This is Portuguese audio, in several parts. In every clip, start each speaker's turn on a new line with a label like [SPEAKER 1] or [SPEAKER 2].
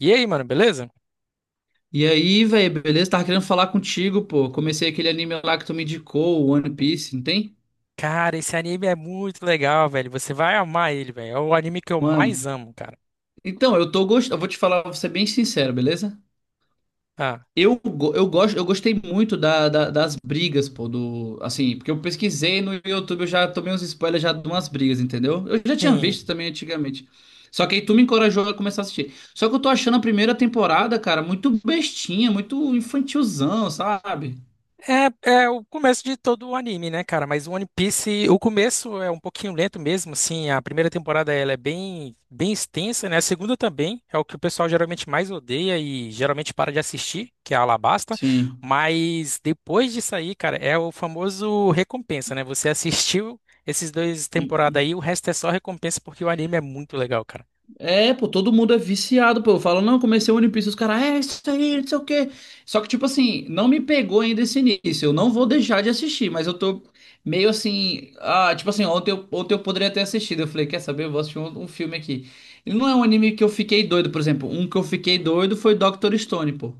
[SPEAKER 1] E aí, mano, beleza?
[SPEAKER 2] E aí, velho, beleza? Tava querendo falar contigo, pô. Comecei aquele anime lá que tu me indicou, o One Piece, não tem?
[SPEAKER 1] Cara, esse anime é muito legal, velho. Você vai amar ele, velho. É o anime que eu mais
[SPEAKER 2] Mano.
[SPEAKER 1] amo, cara.
[SPEAKER 2] Então, eu tô gostando. Eu vou te falar, vou ser bem sincero, beleza?
[SPEAKER 1] Ah,
[SPEAKER 2] Eu, go- eu gosto, eu gostei muito das brigas, pô, do. Assim, porque eu pesquisei no YouTube, eu já tomei uns spoilers já de umas brigas, entendeu? Eu já tinha visto
[SPEAKER 1] sim.
[SPEAKER 2] também antigamente. Só que aí tu me encorajou a começar a assistir. Só que eu tô achando a primeira temporada, cara, muito bestinha, muito infantilzão, sabe?
[SPEAKER 1] É, é o começo de todo o anime, né, cara? Mas o One Piece, o começo é um pouquinho lento mesmo, assim. A primeira temporada ela é bem, bem extensa, né? A segunda também é o que o pessoal geralmente mais odeia e geralmente para de assistir, que é a Alabasta.
[SPEAKER 2] Sim.
[SPEAKER 1] Mas depois disso aí, cara, é o famoso recompensa, né? Você assistiu esses dois temporadas aí, o resto é só recompensa porque o anime é muito legal, cara.
[SPEAKER 2] É, pô, todo mundo é viciado, pô. Eu falo, não, comecei o One Piece, os caras, é isso aí, não sei o quê. Só que, tipo assim, não me pegou ainda esse início. Eu não vou deixar de assistir, mas eu tô meio assim. Ah, tipo assim, ontem eu poderia ter assistido. Eu falei, quer saber? Eu vou assistir um filme aqui. E não é um anime que eu fiquei doido, por exemplo. Um que eu fiquei doido foi Doctor Stone, pô.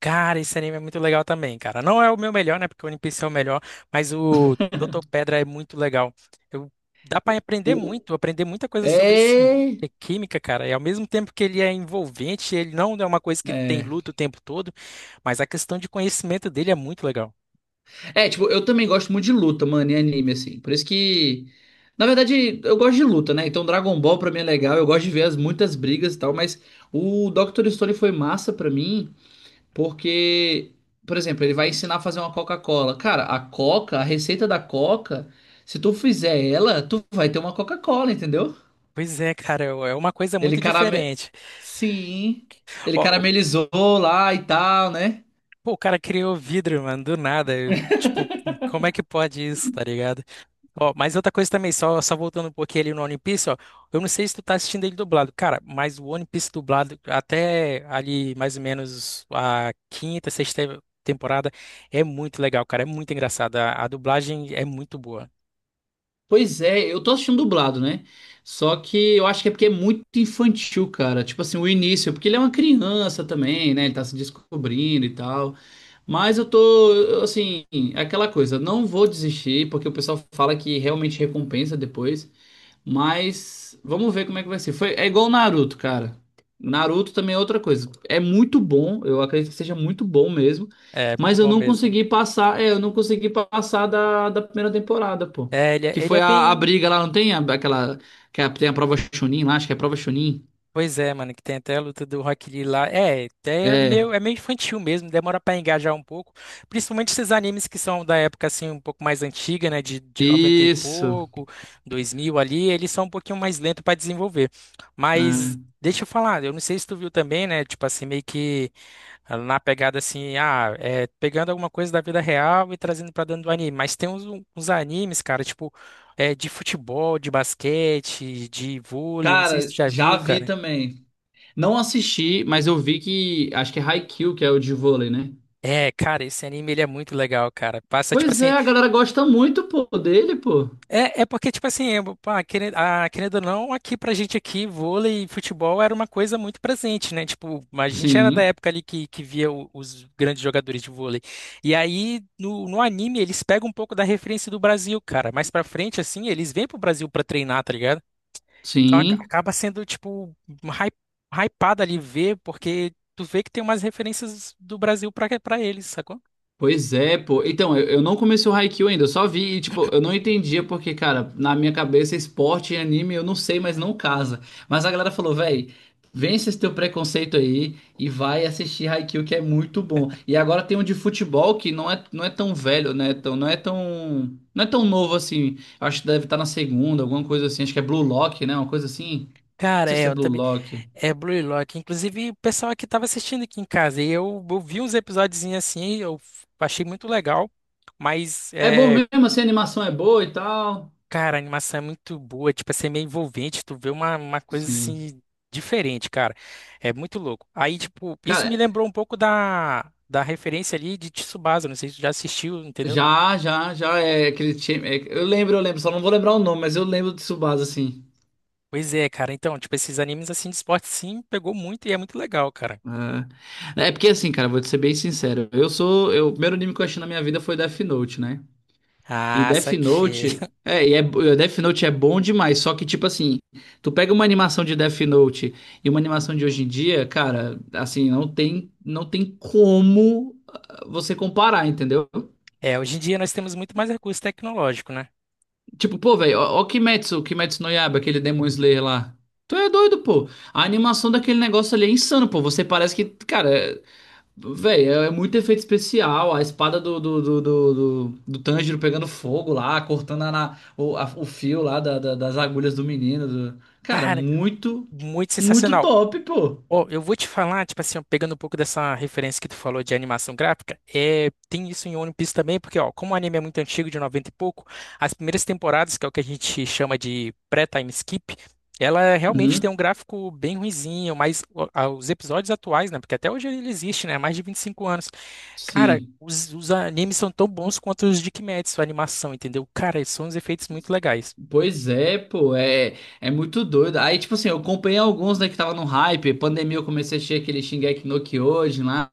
[SPEAKER 1] Cara, esse anime é muito legal também, cara. Não é o meu melhor, né? Porque o One Piece é o melhor, mas o Doutor Pedra é muito legal. Eu, dá pra
[SPEAKER 2] O,
[SPEAKER 1] aprender
[SPEAKER 2] o-
[SPEAKER 1] muito, aprender muita coisa sobre ciência,
[SPEAKER 2] É.
[SPEAKER 1] química, cara. E ao mesmo tempo que ele é envolvente, ele não é uma coisa que tem
[SPEAKER 2] É.
[SPEAKER 1] luta o tempo todo, mas a questão de conhecimento dele é muito legal.
[SPEAKER 2] É, tipo, eu também gosto muito de luta, mano, em anime, assim. Por isso que. Na verdade, eu gosto de luta, né? Então, Dragon Ball pra mim é legal. Eu gosto de ver as muitas brigas e tal. Mas o Dr. Stone foi massa pra mim, porque, por exemplo, ele vai ensinar a fazer uma Coca-Cola. Cara, a Coca, a receita da Coca, se tu fizer ela, tu vai ter uma Coca-Cola, entendeu?
[SPEAKER 1] Pois é, cara, é é uma coisa
[SPEAKER 2] Ele
[SPEAKER 1] muito
[SPEAKER 2] carame...
[SPEAKER 1] diferente.
[SPEAKER 2] Sim. Ele
[SPEAKER 1] Ó,
[SPEAKER 2] caramelizou lá e tal, né?
[SPEAKER 1] pô, o cara criou vidro, mano, do nada. Eu, tipo, como é que pode isso, tá ligado? Ó, mas outra coisa também, só, só voltando um pouquinho ali no One Piece, ó. Eu não sei se tu tá assistindo ele dublado, cara, mas o One Piece dublado até ali mais ou menos a quinta, sexta temporada é muito legal, cara. É muito engraçado. A dublagem é muito boa.
[SPEAKER 2] Pois é, eu tô assistindo dublado, né? Só que eu acho que é porque é muito infantil, cara. Tipo assim, o início, porque ele é uma criança também, né? Ele tá se descobrindo e tal. Mas eu, assim, é aquela coisa, não vou desistir, porque o pessoal fala que realmente recompensa depois. Mas vamos ver como é que vai ser. Foi, é igual o Naruto, cara. Naruto também é outra coisa. É muito bom, eu acredito que seja muito bom mesmo.
[SPEAKER 1] É muito
[SPEAKER 2] Mas eu
[SPEAKER 1] bom
[SPEAKER 2] não
[SPEAKER 1] mesmo.
[SPEAKER 2] consegui passar da primeira temporada, pô.
[SPEAKER 1] É, ele,
[SPEAKER 2] Que
[SPEAKER 1] ele é
[SPEAKER 2] foi a
[SPEAKER 1] bem.
[SPEAKER 2] briga lá, não tem aquela. Tem a prova Chunin lá, acho que é a prova Chunin.
[SPEAKER 1] Pois é, mano, que tem até a luta do Rock Lee lá. É,
[SPEAKER 2] É,
[SPEAKER 1] é meio infantil mesmo, demora pra engajar um pouco. Principalmente esses animes que são da época, assim, um pouco mais antiga, né? De 90 e
[SPEAKER 2] isso.
[SPEAKER 1] pouco, 2000 ali, eles são um pouquinho mais lentos pra desenvolver. Mas
[SPEAKER 2] É.
[SPEAKER 1] deixa eu falar, eu não sei se tu viu também, né? Tipo assim, meio que. Ela na pegada assim, ah, é, pegando alguma coisa da vida real e trazendo pra dentro do anime. Mas tem uns, uns animes, cara, tipo, é, de futebol, de basquete, de vôlei, eu não sei se tu
[SPEAKER 2] Cara,
[SPEAKER 1] já
[SPEAKER 2] já
[SPEAKER 1] viu,
[SPEAKER 2] vi
[SPEAKER 1] cara.
[SPEAKER 2] também. Não assisti, mas eu vi que. Acho que é Haikyuu, que é o de vôlei, né?
[SPEAKER 1] É, cara, esse anime ele é muito legal, cara. Passa, tipo
[SPEAKER 2] Pois
[SPEAKER 1] assim,
[SPEAKER 2] é, a galera gosta muito, pô, dele, pô.
[SPEAKER 1] é, é porque, tipo assim, pá, querendo, ah, querendo ou não, aqui pra gente aqui, vôlei e futebol era uma coisa muito presente, né? Tipo, a gente era da
[SPEAKER 2] Sim,
[SPEAKER 1] época ali que via os grandes jogadores de vôlei. E aí, no anime, eles pegam um pouco da referência do Brasil, cara. Mais pra frente, assim, eles vêm pro Brasil pra treinar, tá ligado? Então
[SPEAKER 2] sim.
[SPEAKER 1] acaba sendo, tipo, hy- hypado ali ver, porque tu vê que tem umas referências do Brasil pra eles, sacou?
[SPEAKER 2] Pois é, pô. Então, eu não comecei o Haikyuu ainda, eu só vi e, tipo, eu não entendia porque, cara, na minha cabeça, esporte e anime, eu não sei, mas não casa. Mas a galera falou, véi, vence esse teu preconceito aí e vai assistir Haikyuu, que é muito bom. E agora tem um de futebol que não é tão velho, né? Não é tão novo assim. Eu acho que deve estar na segunda, alguma coisa assim. Acho que é Blue Lock, né? Uma coisa assim. Não
[SPEAKER 1] Cara,
[SPEAKER 2] sei
[SPEAKER 1] é,
[SPEAKER 2] se é
[SPEAKER 1] eu
[SPEAKER 2] Blue
[SPEAKER 1] também.
[SPEAKER 2] Lock.
[SPEAKER 1] É Blue Lock. Inclusive, o pessoal aqui estava assistindo aqui em casa e eu, vi uns episódios assim, achei muito legal. Mas,
[SPEAKER 2] É bom
[SPEAKER 1] é,
[SPEAKER 2] mesmo, assim, a animação é boa e tal.
[SPEAKER 1] cara, a animação é muito boa, tipo, assim, é meio envolvente, tu vê uma coisa
[SPEAKER 2] Sim.
[SPEAKER 1] assim diferente, cara. É muito louco. Aí, tipo, isso me
[SPEAKER 2] Cara,
[SPEAKER 1] lembrou um pouco da, da referência ali de Tsubasa, não sei se tu já assistiu, entendeu?
[SPEAKER 2] já é aquele time. Eu lembro, só não vou lembrar o nome, mas eu lembro de Tsubasa, assim.
[SPEAKER 1] Pois é, cara. Então, tipo, esses animes assim de esporte sim pegou muito e é muito legal, cara.
[SPEAKER 2] É porque assim, cara, vou te ser bem sincero. Eu sou. Eu, o primeiro anime que eu achei na minha vida foi Death Note, né? E
[SPEAKER 1] Ah,
[SPEAKER 2] Death
[SPEAKER 1] saquei.
[SPEAKER 2] Note. E Death Note é bom demais, só que, tipo assim, tu pega uma animação de Death Note e uma animação de hoje em dia, cara, assim, não tem como você comparar, entendeu?
[SPEAKER 1] É, hoje em dia nós temos muito mais recurso tecnológico, né?
[SPEAKER 2] Tipo, pô, velho, ó, ó Kimetsu no Yaiba, aquele Demon Slayer lá. Tu é doido, pô. A animação daquele negócio ali é insano, pô. Você parece que, cara, velho, é muito efeito especial. A espada do Tanjiro pegando fogo lá, cortando a, na- o, a- o fio lá das agulhas do menino. Cara,
[SPEAKER 1] Cara.
[SPEAKER 2] muito,
[SPEAKER 1] Muito
[SPEAKER 2] muito
[SPEAKER 1] sensacional.
[SPEAKER 2] top, pô.
[SPEAKER 1] Ó, eu vou te falar, tipo assim, ó, pegando um pouco dessa referência que tu falou de animação gráfica, é, tem isso em One Piece também, porque, ó, como o anime é muito antigo, de 90 e pouco, as primeiras temporadas, que é o que a gente chama de pré-time skip, ela realmente tem
[SPEAKER 2] Uhum,
[SPEAKER 1] um gráfico bem ruinzinho, mas ó, os episódios atuais, né, porque até hoje ele existe, né, há mais de 25 anos. Cara,
[SPEAKER 2] sim.
[SPEAKER 1] os animes são tão bons quanto os de Kimetsu, a animação, entendeu? Cara, são uns efeitos muito legais.
[SPEAKER 2] Pois é, pô, é muito doido. Aí, tipo assim, eu acompanhei alguns, né, que tava no hype. Pandemia, eu comecei a assistir aquele Shingeki no Kyojin lá.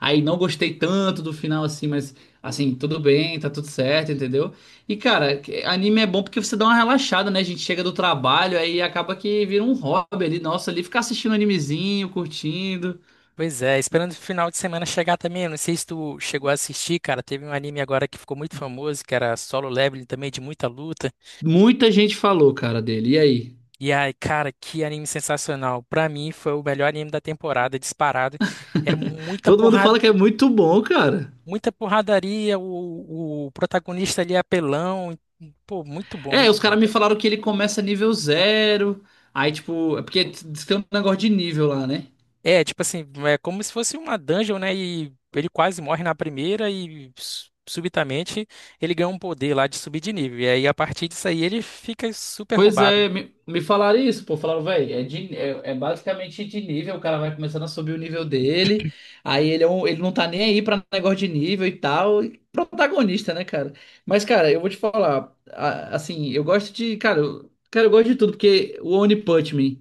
[SPEAKER 2] Aí não gostei tanto do final, assim, mas, assim, tudo bem, tá tudo certo, entendeu? E, cara, anime é bom porque você dá uma relaxada, né? A gente chega do trabalho, aí acaba que vira um hobby ali, nossa, ali ficar assistindo animezinho, curtindo.
[SPEAKER 1] Pois é, esperando o final de semana chegar também. Eu não sei se tu chegou a assistir, cara. Teve um anime agora que ficou muito famoso, que era Solo Leveling também, de muita luta.
[SPEAKER 2] Muita gente falou, cara, dele. E aí?
[SPEAKER 1] E ai, cara, que anime sensacional. Pra mim, foi o melhor anime da temporada, disparado. É muita
[SPEAKER 2] Todo mundo
[SPEAKER 1] porrada,
[SPEAKER 2] fala que é muito bom, cara.
[SPEAKER 1] muita porradaria. O protagonista ali é apelão. Pô,
[SPEAKER 2] É,
[SPEAKER 1] muito
[SPEAKER 2] os
[SPEAKER 1] bom,
[SPEAKER 2] caras me
[SPEAKER 1] cara.
[SPEAKER 2] falaram que ele começa nível zero. Aí, tipo, é porque diz que tem um negócio de nível lá, né?
[SPEAKER 1] É, tipo assim, é como se fosse uma dungeon, né? E ele quase morre na primeira e subitamente ele ganha um poder lá de subir de nível. E aí, a partir disso aí, ele fica super
[SPEAKER 2] Pois
[SPEAKER 1] roubado.
[SPEAKER 2] é, me falaram isso, pô. Falaram, velho, basicamente de nível. O cara vai começando a subir o nível dele. Aí ele não tá nem aí pra negócio de nível e tal. E protagonista, né, cara? Mas, cara, eu vou te falar. Assim, eu gosto de. Cara, eu gosto de tudo, porque o One Punch Man.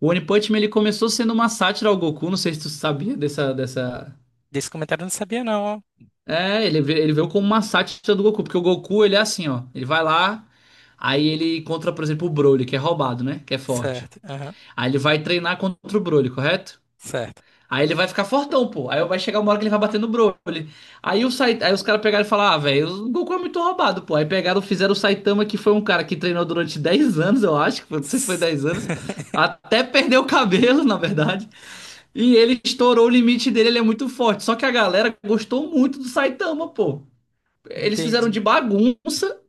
[SPEAKER 2] O One Punch Man, ele começou sendo uma sátira ao Goku. Não sei se tu sabia dessa.
[SPEAKER 1] Desse comentário eu não sabia, não, ó.
[SPEAKER 2] É, ele veio como uma sátira do Goku, porque o Goku, ele é assim, ó. Ele vai lá, aí ele encontra, por exemplo, o Broly, que é roubado, né? Que é forte.
[SPEAKER 1] Certo, aham,
[SPEAKER 2] Aí ele vai treinar contra o Broly, correto?
[SPEAKER 1] certo.
[SPEAKER 2] Aí ele vai ficar fortão, pô. Aí vai chegar uma hora que ele vai bater no Broly. Aí os caras pegaram e falaram, ah, velho, o Goku é muito roubado, pô. Aí pegaram, fizeram o Saitama, que foi um cara que treinou durante 10 anos, eu acho, não sei se foi 10 anos, até perdeu o cabelo, na verdade. E ele estourou o limite dele, ele é muito forte. Só que a galera gostou muito do Saitama, pô eles fizeram de
[SPEAKER 1] Entendi.
[SPEAKER 2] bagunça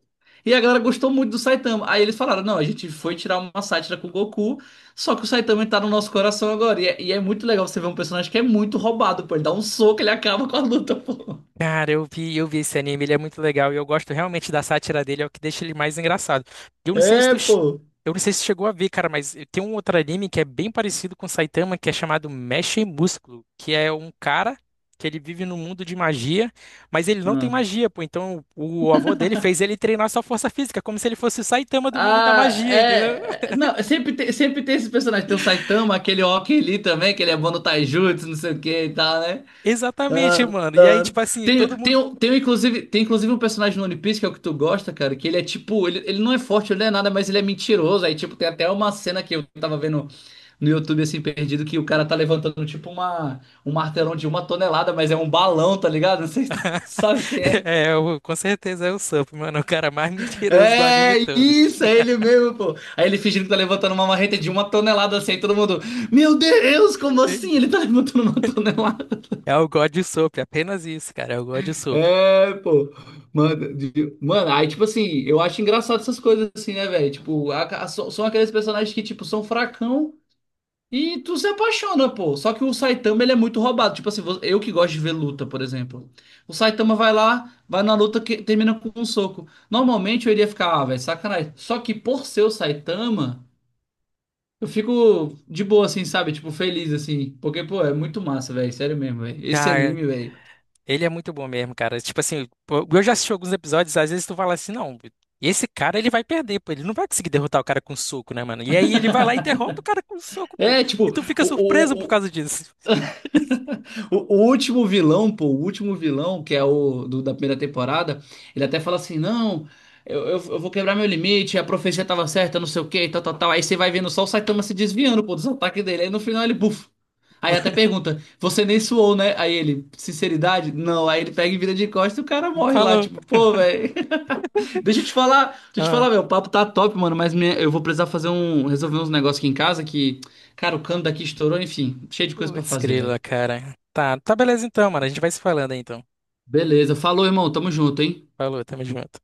[SPEAKER 2] e a galera gostou muito do Saitama. Aí eles falaram: não, a gente foi tirar uma sátira com o Goku, só que o Saitama tá no nosso coração agora. E é muito legal você ver um personagem que é muito roubado, pô. Ele dá um soco, ele acaba com a luta, pô.
[SPEAKER 1] Cara, eu vi esse anime, ele é muito legal e eu gosto realmente da sátira dele, é o que deixa ele mais engraçado. Eu não sei se
[SPEAKER 2] É,
[SPEAKER 1] tu, che-
[SPEAKER 2] pô.
[SPEAKER 1] eu não sei se chegou a ver, cara, mas tem um outro anime que é bem parecido com Saitama, que é chamado Mecha e Músculo, que é um cara que ele vive num mundo de magia, mas ele não tem
[SPEAKER 2] Ah,
[SPEAKER 1] magia, pô. Então o avô dele fez ele treinar sua força física, como se ele fosse o Saitama do mundo da
[SPEAKER 2] Ah,
[SPEAKER 1] magia, entendeu?
[SPEAKER 2] é. é, Não, é sempre tem, sempre tem esse personagem. Tem o Saitama, aquele Oki ali também, que ele é bom no Taijutsu, não sei o que e tal, né?
[SPEAKER 1] Exatamente,
[SPEAKER 2] Adoro.
[SPEAKER 1] mano. E aí, tipo assim,
[SPEAKER 2] Tem,
[SPEAKER 1] todo
[SPEAKER 2] tem,
[SPEAKER 1] mundo.
[SPEAKER 2] um- tem, um, inclusive, tem inclusive um personagem no One Piece, que é o que tu gosta, cara, que ele é tipo, ele não é forte, ele não é nada, mas ele é mentiroso. Aí, tipo, tem até uma cena que eu tava vendo no YouTube, assim, perdido, que o cara tá levantando, tipo, um martelão de uma tonelada, mas é um balão, tá ligado? Não sei se tu sabe quem é.
[SPEAKER 1] É, com certeza é o Sup, mano, o cara mais mentiroso do anime
[SPEAKER 2] É,
[SPEAKER 1] todo.
[SPEAKER 2] isso, é ele mesmo, pô. Aí ele fingindo que tá levantando uma marreta de uma tonelada, assim, aí todo mundo, meu Deus, como assim? Ele tá levantando uma tonelada.
[SPEAKER 1] É o God Soap, apenas isso, cara. É o God Soap.
[SPEAKER 2] É, pô. Mano, aí, tipo assim, eu acho engraçado essas coisas assim, né, velho? Tipo, são aqueles personagens que, tipo, são fracão e tu se apaixona, pô. Só que o Saitama, ele é muito roubado. Tipo assim, eu que gosto de ver luta, por exemplo. O Saitama vai lá, vai na luta que termina com um soco. Normalmente eu iria ficar, ah, velho, sacanagem. Só que por ser o Saitama, eu fico de boa, assim, sabe? Tipo, feliz, assim. Porque, pô, é muito massa, velho. Sério mesmo, velho. Esse
[SPEAKER 1] Cara,
[SPEAKER 2] anime, velho.
[SPEAKER 1] ele é muito bom mesmo, cara. Tipo assim, pô, eu já assisti alguns episódios, às vezes tu fala assim, não, esse cara ele vai perder, pô. Ele não vai conseguir derrotar o cara com soco, né, mano? E aí ele vai lá e derrota o cara com soco, pô.
[SPEAKER 2] É,
[SPEAKER 1] E
[SPEAKER 2] tipo.
[SPEAKER 1] tu fica surpreso
[SPEAKER 2] O,
[SPEAKER 1] por
[SPEAKER 2] o-
[SPEAKER 1] causa disso.
[SPEAKER 2] o último vilão, pô, o último vilão, que é da primeira temporada, ele até fala assim: não, eu vou quebrar meu limite, a profecia tava certa, não sei o que, tal, tal, tal. Aí você vai vendo só o Saitama se desviando, pô, dos ataques dele. Aí no final ele, buf. Aí até pergunta: você nem suou, né? Aí ele, sinceridade? Não. Aí ele pega e vira de costas e o cara morre lá,
[SPEAKER 1] Falou.
[SPEAKER 2] tipo, pô, velho. Deixa eu te falar, deixa eu te falar,
[SPEAKER 1] Ah,
[SPEAKER 2] meu, o papo tá top, mano, mas eu vou precisar fazer resolver uns negócios aqui em casa que, cara, o cano daqui estourou, enfim, cheio de coisa pra
[SPEAKER 1] putz,
[SPEAKER 2] fazer, velho.
[SPEAKER 1] grila, cara. Tá, tá beleza então, mano. A gente vai se falando aí então.
[SPEAKER 2] Beleza. Falou, irmão. Tamo junto, hein?
[SPEAKER 1] Falou, tamo junto.